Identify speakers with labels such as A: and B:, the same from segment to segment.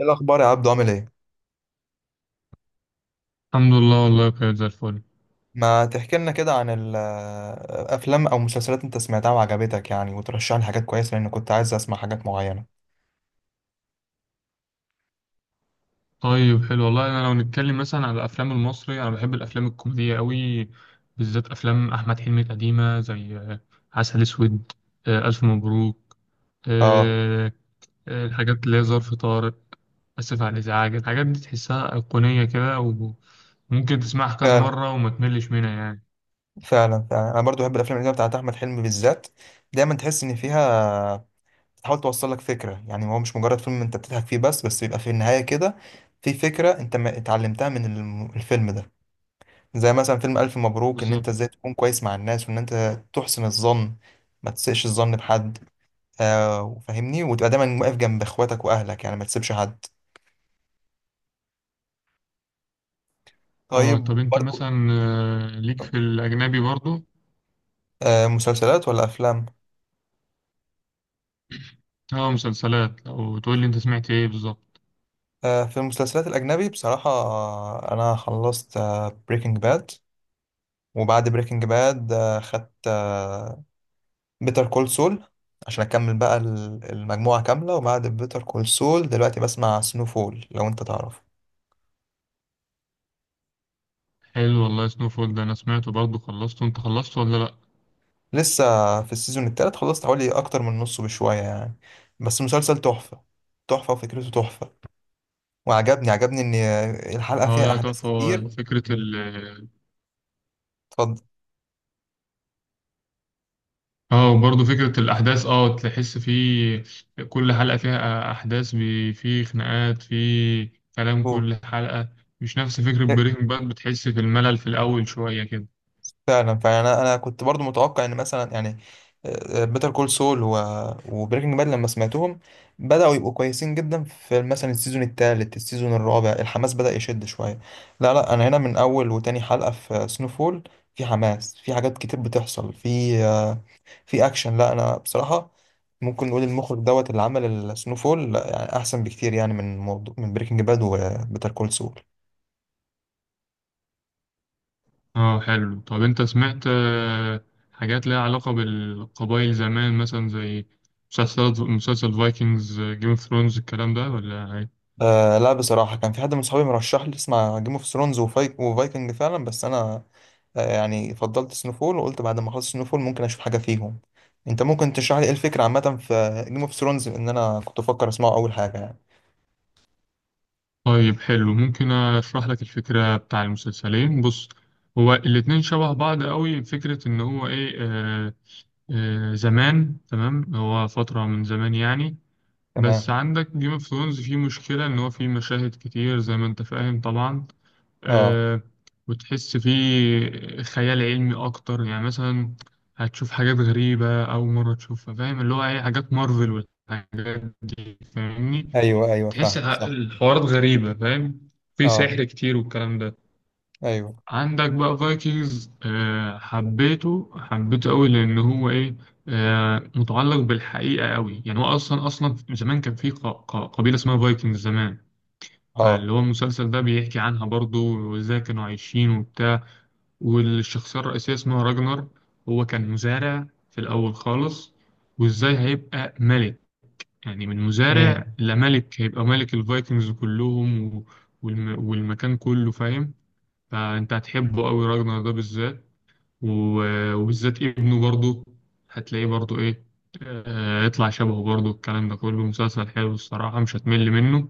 A: ايه الاخبار يا عبدو؟ عامل ايه؟
B: الحمد لله والله كانت زي الفل.
A: ما تحكي لنا كده عن الافلام او مسلسلات انت سمعتها وعجبتك يعني، وترشح لي حاجات كويسه، لان كنت عايز اسمع حاجات معينه.
B: طيب حلو والله، انا لو نتكلم مثلا على الافلام المصري، انا بحب الافلام الكوميديه قوي، بالذات افلام احمد حلمي القديمه زي عسل اسود، الف مبروك،
A: اه،
B: آه، الحاجات اللي هي ظرف طارق، اسف على الازعاج. الحاجات دي تحسها ايقونيه كده، وممكن تسمعها كذا
A: فعلا.
B: مره وما تملش منها يعني.
A: فعلا انا برضو بحب الافلام اللي بتاعت احمد حلمي بالذات. دايما تحس ان فيها، بتحاول توصل لك فكره، يعني هو مش مجرد فيلم انت بتضحك فيه بس بيبقى في النهايه كده في فكره انت ما اتعلمتها من الفيلم ده. زي مثلا فيلم الف مبروك، ان انت ازاي
B: بالظبط.
A: تكون كويس مع الناس، وان انت تحسن الظن، ما تسيئش الظن بحد. آه، فاهمني؟ وتبقى دايما واقف جنب اخواتك واهلك، يعني ما تسيبش حد.
B: اه،
A: طيب
B: طب انت
A: برضو،
B: مثلا ليك في الاجنبي برضو؟
A: آه مسلسلات ولا افلام؟
B: اه، مسلسلات، او تقول لي انت سمعت ايه بالظبط.
A: آه، في المسلسلات الاجنبي بصراحة، انا خلصت بريكنج باد، وبعد بريكنج باد خدت بيتر كول سول عشان اكمل بقى المجموعة كاملة. وبعد بيتر كول سول دلوقتي بسمع سنو فول، لو انت تعرف.
B: حلو والله، سنو فول ده انا سمعته برضه. خلصته انت، خلصته ولا لا؟
A: لسه في السيزون التالت، خلصت حوالي اكتر من نصه بشوية يعني. بس مسلسل تحفة، تحفة، وفكرته تحفة. وعجبني ان الحلقه
B: اه
A: فيها
B: لا،
A: احداث
B: تحفة. هو
A: كتير.
B: فكرة
A: اتفضل،
B: اه، وبرضه فكرة الأحداث، اه تحس فيه كل حلقة فيها أحداث فيه خناقات، فيه كلام
A: قول.
B: كل حلقة. مش نفس فكرة
A: إيه،
B: بريكنج باد، بتحس في الملل في الأول شوية كده.
A: فعلا، فعلا. انا كنت برضو متوقع ان مثلا يعني بيتر كول سول وبريكنج باد لما سمعتهم، بداوا يبقوا كويسين جدا في مثلا السيزون الثالث، السيزون الرابع، الحماس بدا يشد شويه. لا لا، انا هنا من اول وتاني حلقه في سنوفول في حماس، في حاجات كتير بتحصل، في اكشن. لا، انا بصراحه ممكن نقول المخرج دوت اللي عمل السنو فول، لا، يعني احسن بكتير يعني من موضوع من بريكنج باد وبيتر كول سول.
B: اه حلو، طب انت سمعت حاجات ليها علاقة بالقبائل زمان، مثلا زي مسلسل فايكنجز، جيم اوف ثرونز، الكلام ده ولا؟
A: آه لا، بصراحه كان في حد من صحابي مرشح لي اسمع جيم اوف ثرونز وفايكنج فعلا، بس انا يعني فضلت سنو فول، وقلت بعد ما اخلص سنو فول ممكن اشوف حاجه فيهم. انت ممكن تشرح لي ايه الفكره عامه في جيم اوف ثرونز، ان انا كنت بفكر اسمعه اول حاجه يعني؟
B: طيب حلو، ممكن اشرح لك الفكرة بتاع المسلسلين. بص، هو الاتنين شبه بعض قوي. فكرة ان هو ايه، زمان، تمام، هو فترة من زمان يعني. بس
A: تمام.
B: عندك جيم اوف ثرونز فيه مشكلة ان هو فيه مشاهد كتير، زي ما انت فاهم طبعا.
A: اه.
B: آه وتحس فيه خيال علمي اكتر، يعني مثلا هتشوف حاجات غريبة اول مرة تشوفها، فاهم؟ اللي هو ايه، حاجات مارفل والحاجات دي، فاهمني.
A: ايوه ايوه،
B: تحس
A: فاهم صح.
B: الحوارات غريبة، فاهم، في
A: اه.
B: سحر كتير والكلام ده.
A: ايوه.
B: عندك بقى فايكنجز، حبيته حبيته قوي لأن هو إيه، متعلق بالحقيقة قوي. يعني هو أصلا أصلا زمان كان في قبيلة اسمها فايكنجز زمان،
A: اه.
B: فاللي هو المسلسل ده بيحكي عنها برضو، وإزاي كانوا عايشين وبتاع. والشخصية الرئيسية اسمها راجنر، هو كان مزارع في الأول خالص، وإزاي هيبقى ملك. يعني من مزارع لملك، هيبقى ملك الفايكنجز كلهم والمكان كله، فاهم. فانت هتحبه قوي، راجنر ده بالذات، و... وبالذات ابنه برضه، هتلاقيه برضه ايه، يطلع شبهه برضه، الكلام ده كله مسلسل حلو الصراحة، مش هتمل منه.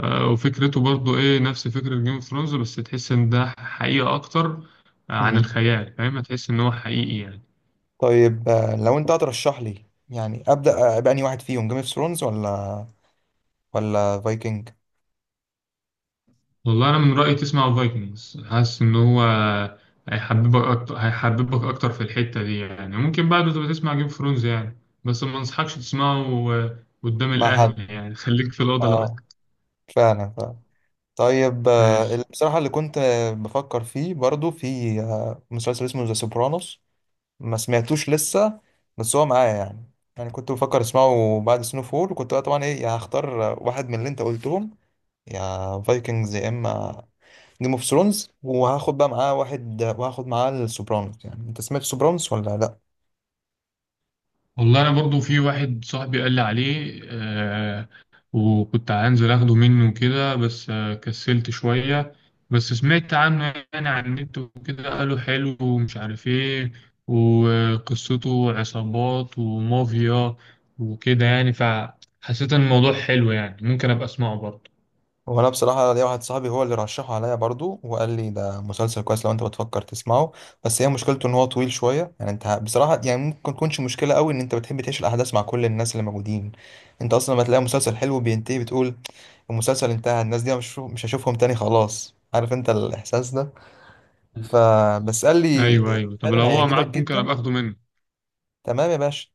B: وفكرته برضه ايه نفس فكرة جيم اوف ثرونز، بس تحس ان ده حقيقة اكتر عن
A: امم.
B: الخيال، فاهم، هتحس ان هو حقيقي يعني.
A: طيب، لو انت هترشح لي يعني، ابدا باني واحد فيهم، جيم اوف ثرونز ولا ولا فايكنج؟
B: والله انا من رايي تسمع الفايكنجز، حاسس ان هو هيحببك اكتر، هيحببك اكتر في الحته دي يعني. ممكن بعده تبقى تسمع جيم اوف ثرونز يعني، بس ما انصحكش تسمعه قدام
A: مع فايك
B: الاهل،
A: حد.
B: يعني خليك في الاوضه
A: اه، فعلا فعلا. طيب
B: لوحدك.
A: بصراحه اللي كنت بفكر فيه برضو في مسلسل اسمه ذا سوبرانوس. ما سمعتوش لسه، بس هو معايا يعني. يعني كنت بفكر اسمعه بعد سنو فول، وكنت بقى طبعا ايه، يا هختار واحد من اللي انت قلتهم، يا فايكنجز يا اما جيم اوف ثرونز، وهاخد بقى معاه واحد، وهاخد معاه السوبرانوس. يعني انت سمعت سوبرانوس ولا لا؟
B: والله انا برضو في واحد صاحبي قال لي عليه وكنت هنزل اخده منه كده، بس كسلت شوية. بس سمعت عنه يعني، على النت وكده قالوا حلو ومش عارف ايه، وقصته عصابات ومافيا وكده يعني، فحسيت ان الموضوع حلو يعني، ممكن ابقى اسمعه برضه.
A: وانا بصراحه ليا واحد صاحبي هو اللي رشحه عليا برضو، وقال لي ده مسلسل كويس لو انت بتفكر تسمعه، بس هي مشكلته ان هو طويل شويه يعني. انت بصراحه يعني ممكن تكونش مشكله قوي، ان انت بتحب تعيش الاحداث مع كل الناس اللي موجودين. انت اصلا لما تلاقي مسلسل حلو بينتهي بتقول المسلسل انتهى، الناس دي مش هشوفهم تاني، خلاص. عارف انت الاحساس ده؟
B: مم.
A: فبس قال لي،
B: ايوه، ايوه، طب لو
A: فعلا
B: هو
A: هيعجبك بالظبط
B: معاك ممكن
A: جدا.
B: ابقى اخده منه.
A: تمام يا باشا.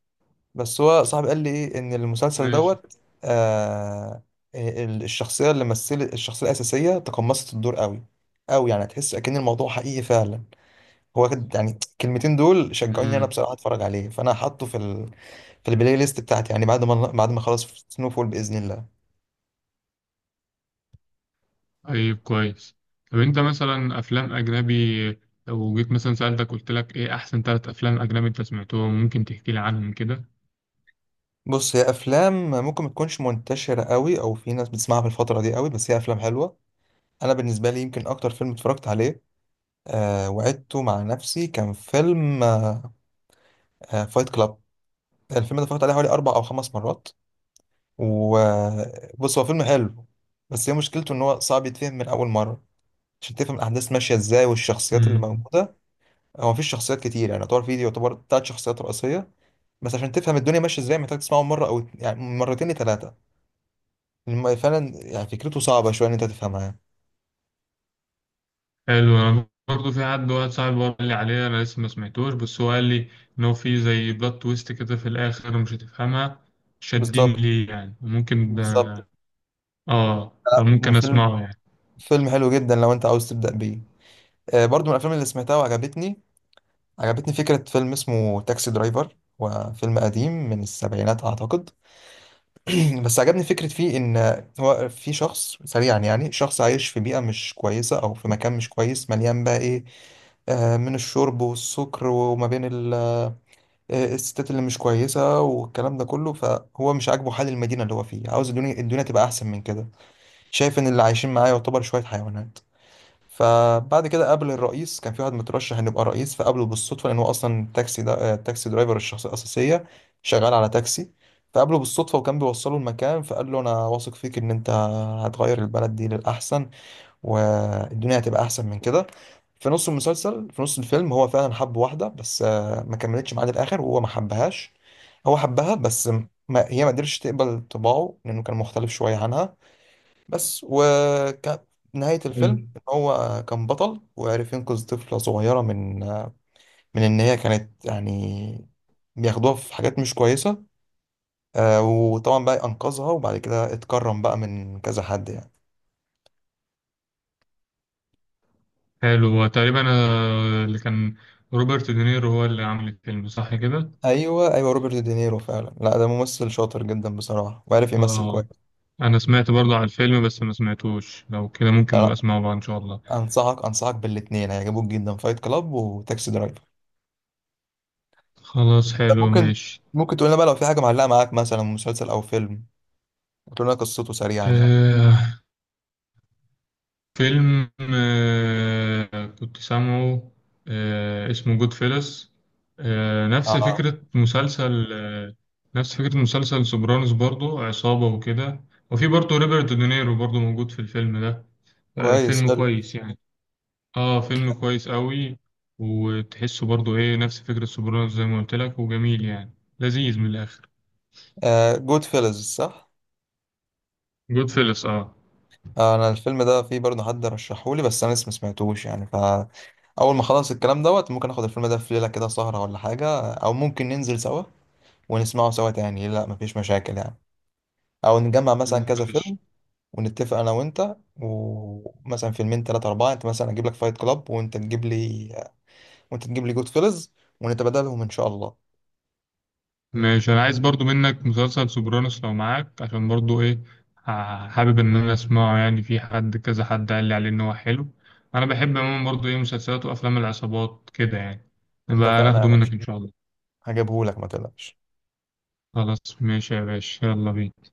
A: بس هو صاحبي قال لي ايه، ان المسلسل
B: ماشي.
A: دوت آه، الشخصيه اللي مثلت الشخصيه الاساسيه تقمصت الدور قوي قوي، يعني تحس اكن الموضوع حقيقي فعلا. يعني الكلمتين دول شجعوني انا
B: مم.
A: بصراحه اتفرج عليه، فانا حاطه في ال... في البلاي ليست بتاعتي يعني، بعد ما بعد ما اخلص سنو فول باذن الله.
B: طيب كويس. طب انت مثلا افلام اجنبي، لو جيت مثلا سألتك قلت لك ايه احسن ثلاث افلام اجنبي انت سمعتهم، ممكن تحكي لي عنهم كده.
A: بص، هي افلام ممكن ما تكونش منتشره قوي، او في ناس بتسمعها في الفتره دي قوي، بس هي افلام حلوه. انا بالنسبه لي يمكن اكتر فيلم اتفرجت عليه وعدته مع نفسي كان فيلم فايت كلاب. الفيلم ده اتفرجت عليه حوالي 4 أو 5 مرات. وبص هو فيلم حلو، بس هي مشكلته إن هو صعب يتفهم من أول مرة، عشان تفهم الأحداث ماشية إزاي والشخصيات اللي
B: مم.
A: موجودة. هو مفيش شخصيات كتير يعني، يعتبر فيه يعتبر تلات شخصيات رئيسية، بس عشان تفهم الدنيا ماشية إزاي محتاج تسمعه مرة أو يعني مرتين لتلاتة. فعلا يعني فكرته صعبة شوية إن أنت تفهمها.
B: حلو، انا برضه في حد، واحد صاحبي برضه قال لي عليه، انا لسه ما سمعتوش، بس هو قال لي ان هو في زي بلوت تويست كده في الاخر، مش هتفهمها. شدني
A: بالظبط،
B: ليه يعني، وممكن
A: بالظبط.
B: اه
A: لا،
B: فممكن
A: فيلم،
B: اسمعه يعني.
A: فيلم حلو جدا لو أنت عاوز تبدأ بيه. برضو من الأفلام اللي سمعتها وعجبتني، عجبتني فكرة فيلم اسمه تاكسي درايفر. هو فيلم قديم من السبعينات أعتقد. بس عجبني فكرة فيه، إن هو في شخص سريعا، يعني شخص عايش في بيئة مش كويسة أو في مكان مش كويس، مليان بقى إيه، من الشرب والسكر، وما بين الستات اللي مش كويسة والكلام ده كله، فهو مش عاجبه حال المدينة اللي هو فيه. عاوز الدنيا الدنيا تبقى أحسن من كده، شايف إن اللي عايشين معاه يعتبر شوية حيوانات. فبعد كده قابل الرئيس، كان في واحد مترشح ان يبقى رئيس، فقابله بالصدفه، لان هو اصلا التاكسي ده التاكسي درايفر الشخصيه الاساسيه شغال على تاكسي. فقابله بالصدفه وكان بيوصله المكان، فقال له انا واثق فيك ان انت هتغير البلد دي للاحسن، والدنيا هتبقى احسن من كده. في نص المسلسل، في نص الفيلم، هو فعلا حب واحده، بس ما كملتش معاه للاخر، وهو ما حبهاش. هو حبها بس ما هي ما قدرتش تقبل طباعه، لانه كان مختلف شويه عنها. بس وكانت نهاية الفيلم
B: حلو،
A: إن هو كان بطل، وعرف ينقذ طفلة صغيرة من، من إن هي كانت يعني بياخدوها في حاجات مش كويسة. وطبعا بقى أنقذها، وبعد كده اتكرم بقى من كذا حد يعني.
B: حلو، هو تقريبا اللي كان روبرت دينيرو هو اللي عامل الفيلم، صح كده؟
A: أيوه أيوه، روبرت دينيرو فعلا. لا، ده ممثل شاطر جدا بصراحة، وعارف يمثل
B: اه،
A: كويس.
B: انا سمعت برضه عن الفيلم بس ما سمعتوش، لو كده
A: لا
B: ممكن نبقى
A: لا،
B: اسمعه بقى ان شاء الله.
A: أنصحك بالاتنين، هيعجبوك جدا، فايت كلاب وتاكسي درايفر.
B: خلاص
A: ده
B: حلو
A: ممكن،
B: ماشي.
A: ممكن تقول لنا بقى لو في حاجة معلقة معاك مثلا، مسلسل أو فيلم، وتقول لنا قصته سريعا يعني.
B: آه فيلم كنت سامعه، اسمه جود فيلس، نفس
A: اه.
B: فكرة مسلسل نفس فكرة مسلسل سوبرانوس برضه، عصابة وكده، وفي برضه روبرت دينيرو برضه موجود في الفيلم ده.
A: كويس،
B: فيلم
A: حلو.
B: كويس يعني، اه فيلم كويس قوي. وتحسه برضه ايه نفس فكرة سوبرانوس زي ما قلت لك، وجميل يعني، لذيذ من الآخر.
A: جود فيلز صح؟
B: جود فيلس اه.
A: آه، انا الفيلم ده فيه برضه حد رشحهولي، بس انا لسه ما سمعتوش يعني. فاول ما اخلص الكلام دوت ممكن اخد الفيلم ده في ليله كده سهره ولا حاجه، او ممكن ننزل سوا ونسمعه سوا. تاني لا، مفيش مشاكل يعني. او نجمع مثلا كذا
B: ماشي،
A: فيلم، ونتفق انا وانت، ومثلا فيلمين تلاتة أربعة، أنت مثلا أجيب لك فايت كلاب، وأنت تجيب لي جود فيلز، ونتبادلهم إن شاء الله.
B: ماشي، انا عايز برضو منك مسلسل سوبرانوس لو معاك، عشان برضو ايه حابب ان انا اسمعه يعني، في حد، كذا حد قال لي عليه ان هو حلو. انا بحب عموما برضو ايه مسلسلات وافلام العصابات كده يعني، نبقى
A: اتفقنا يا
B: ناخده منك
A: باشا،
B: ان شاء الله.
A: هجيبهولك ما تقلقش.
B: خلاص ماشي يا باشا، يلا بينا.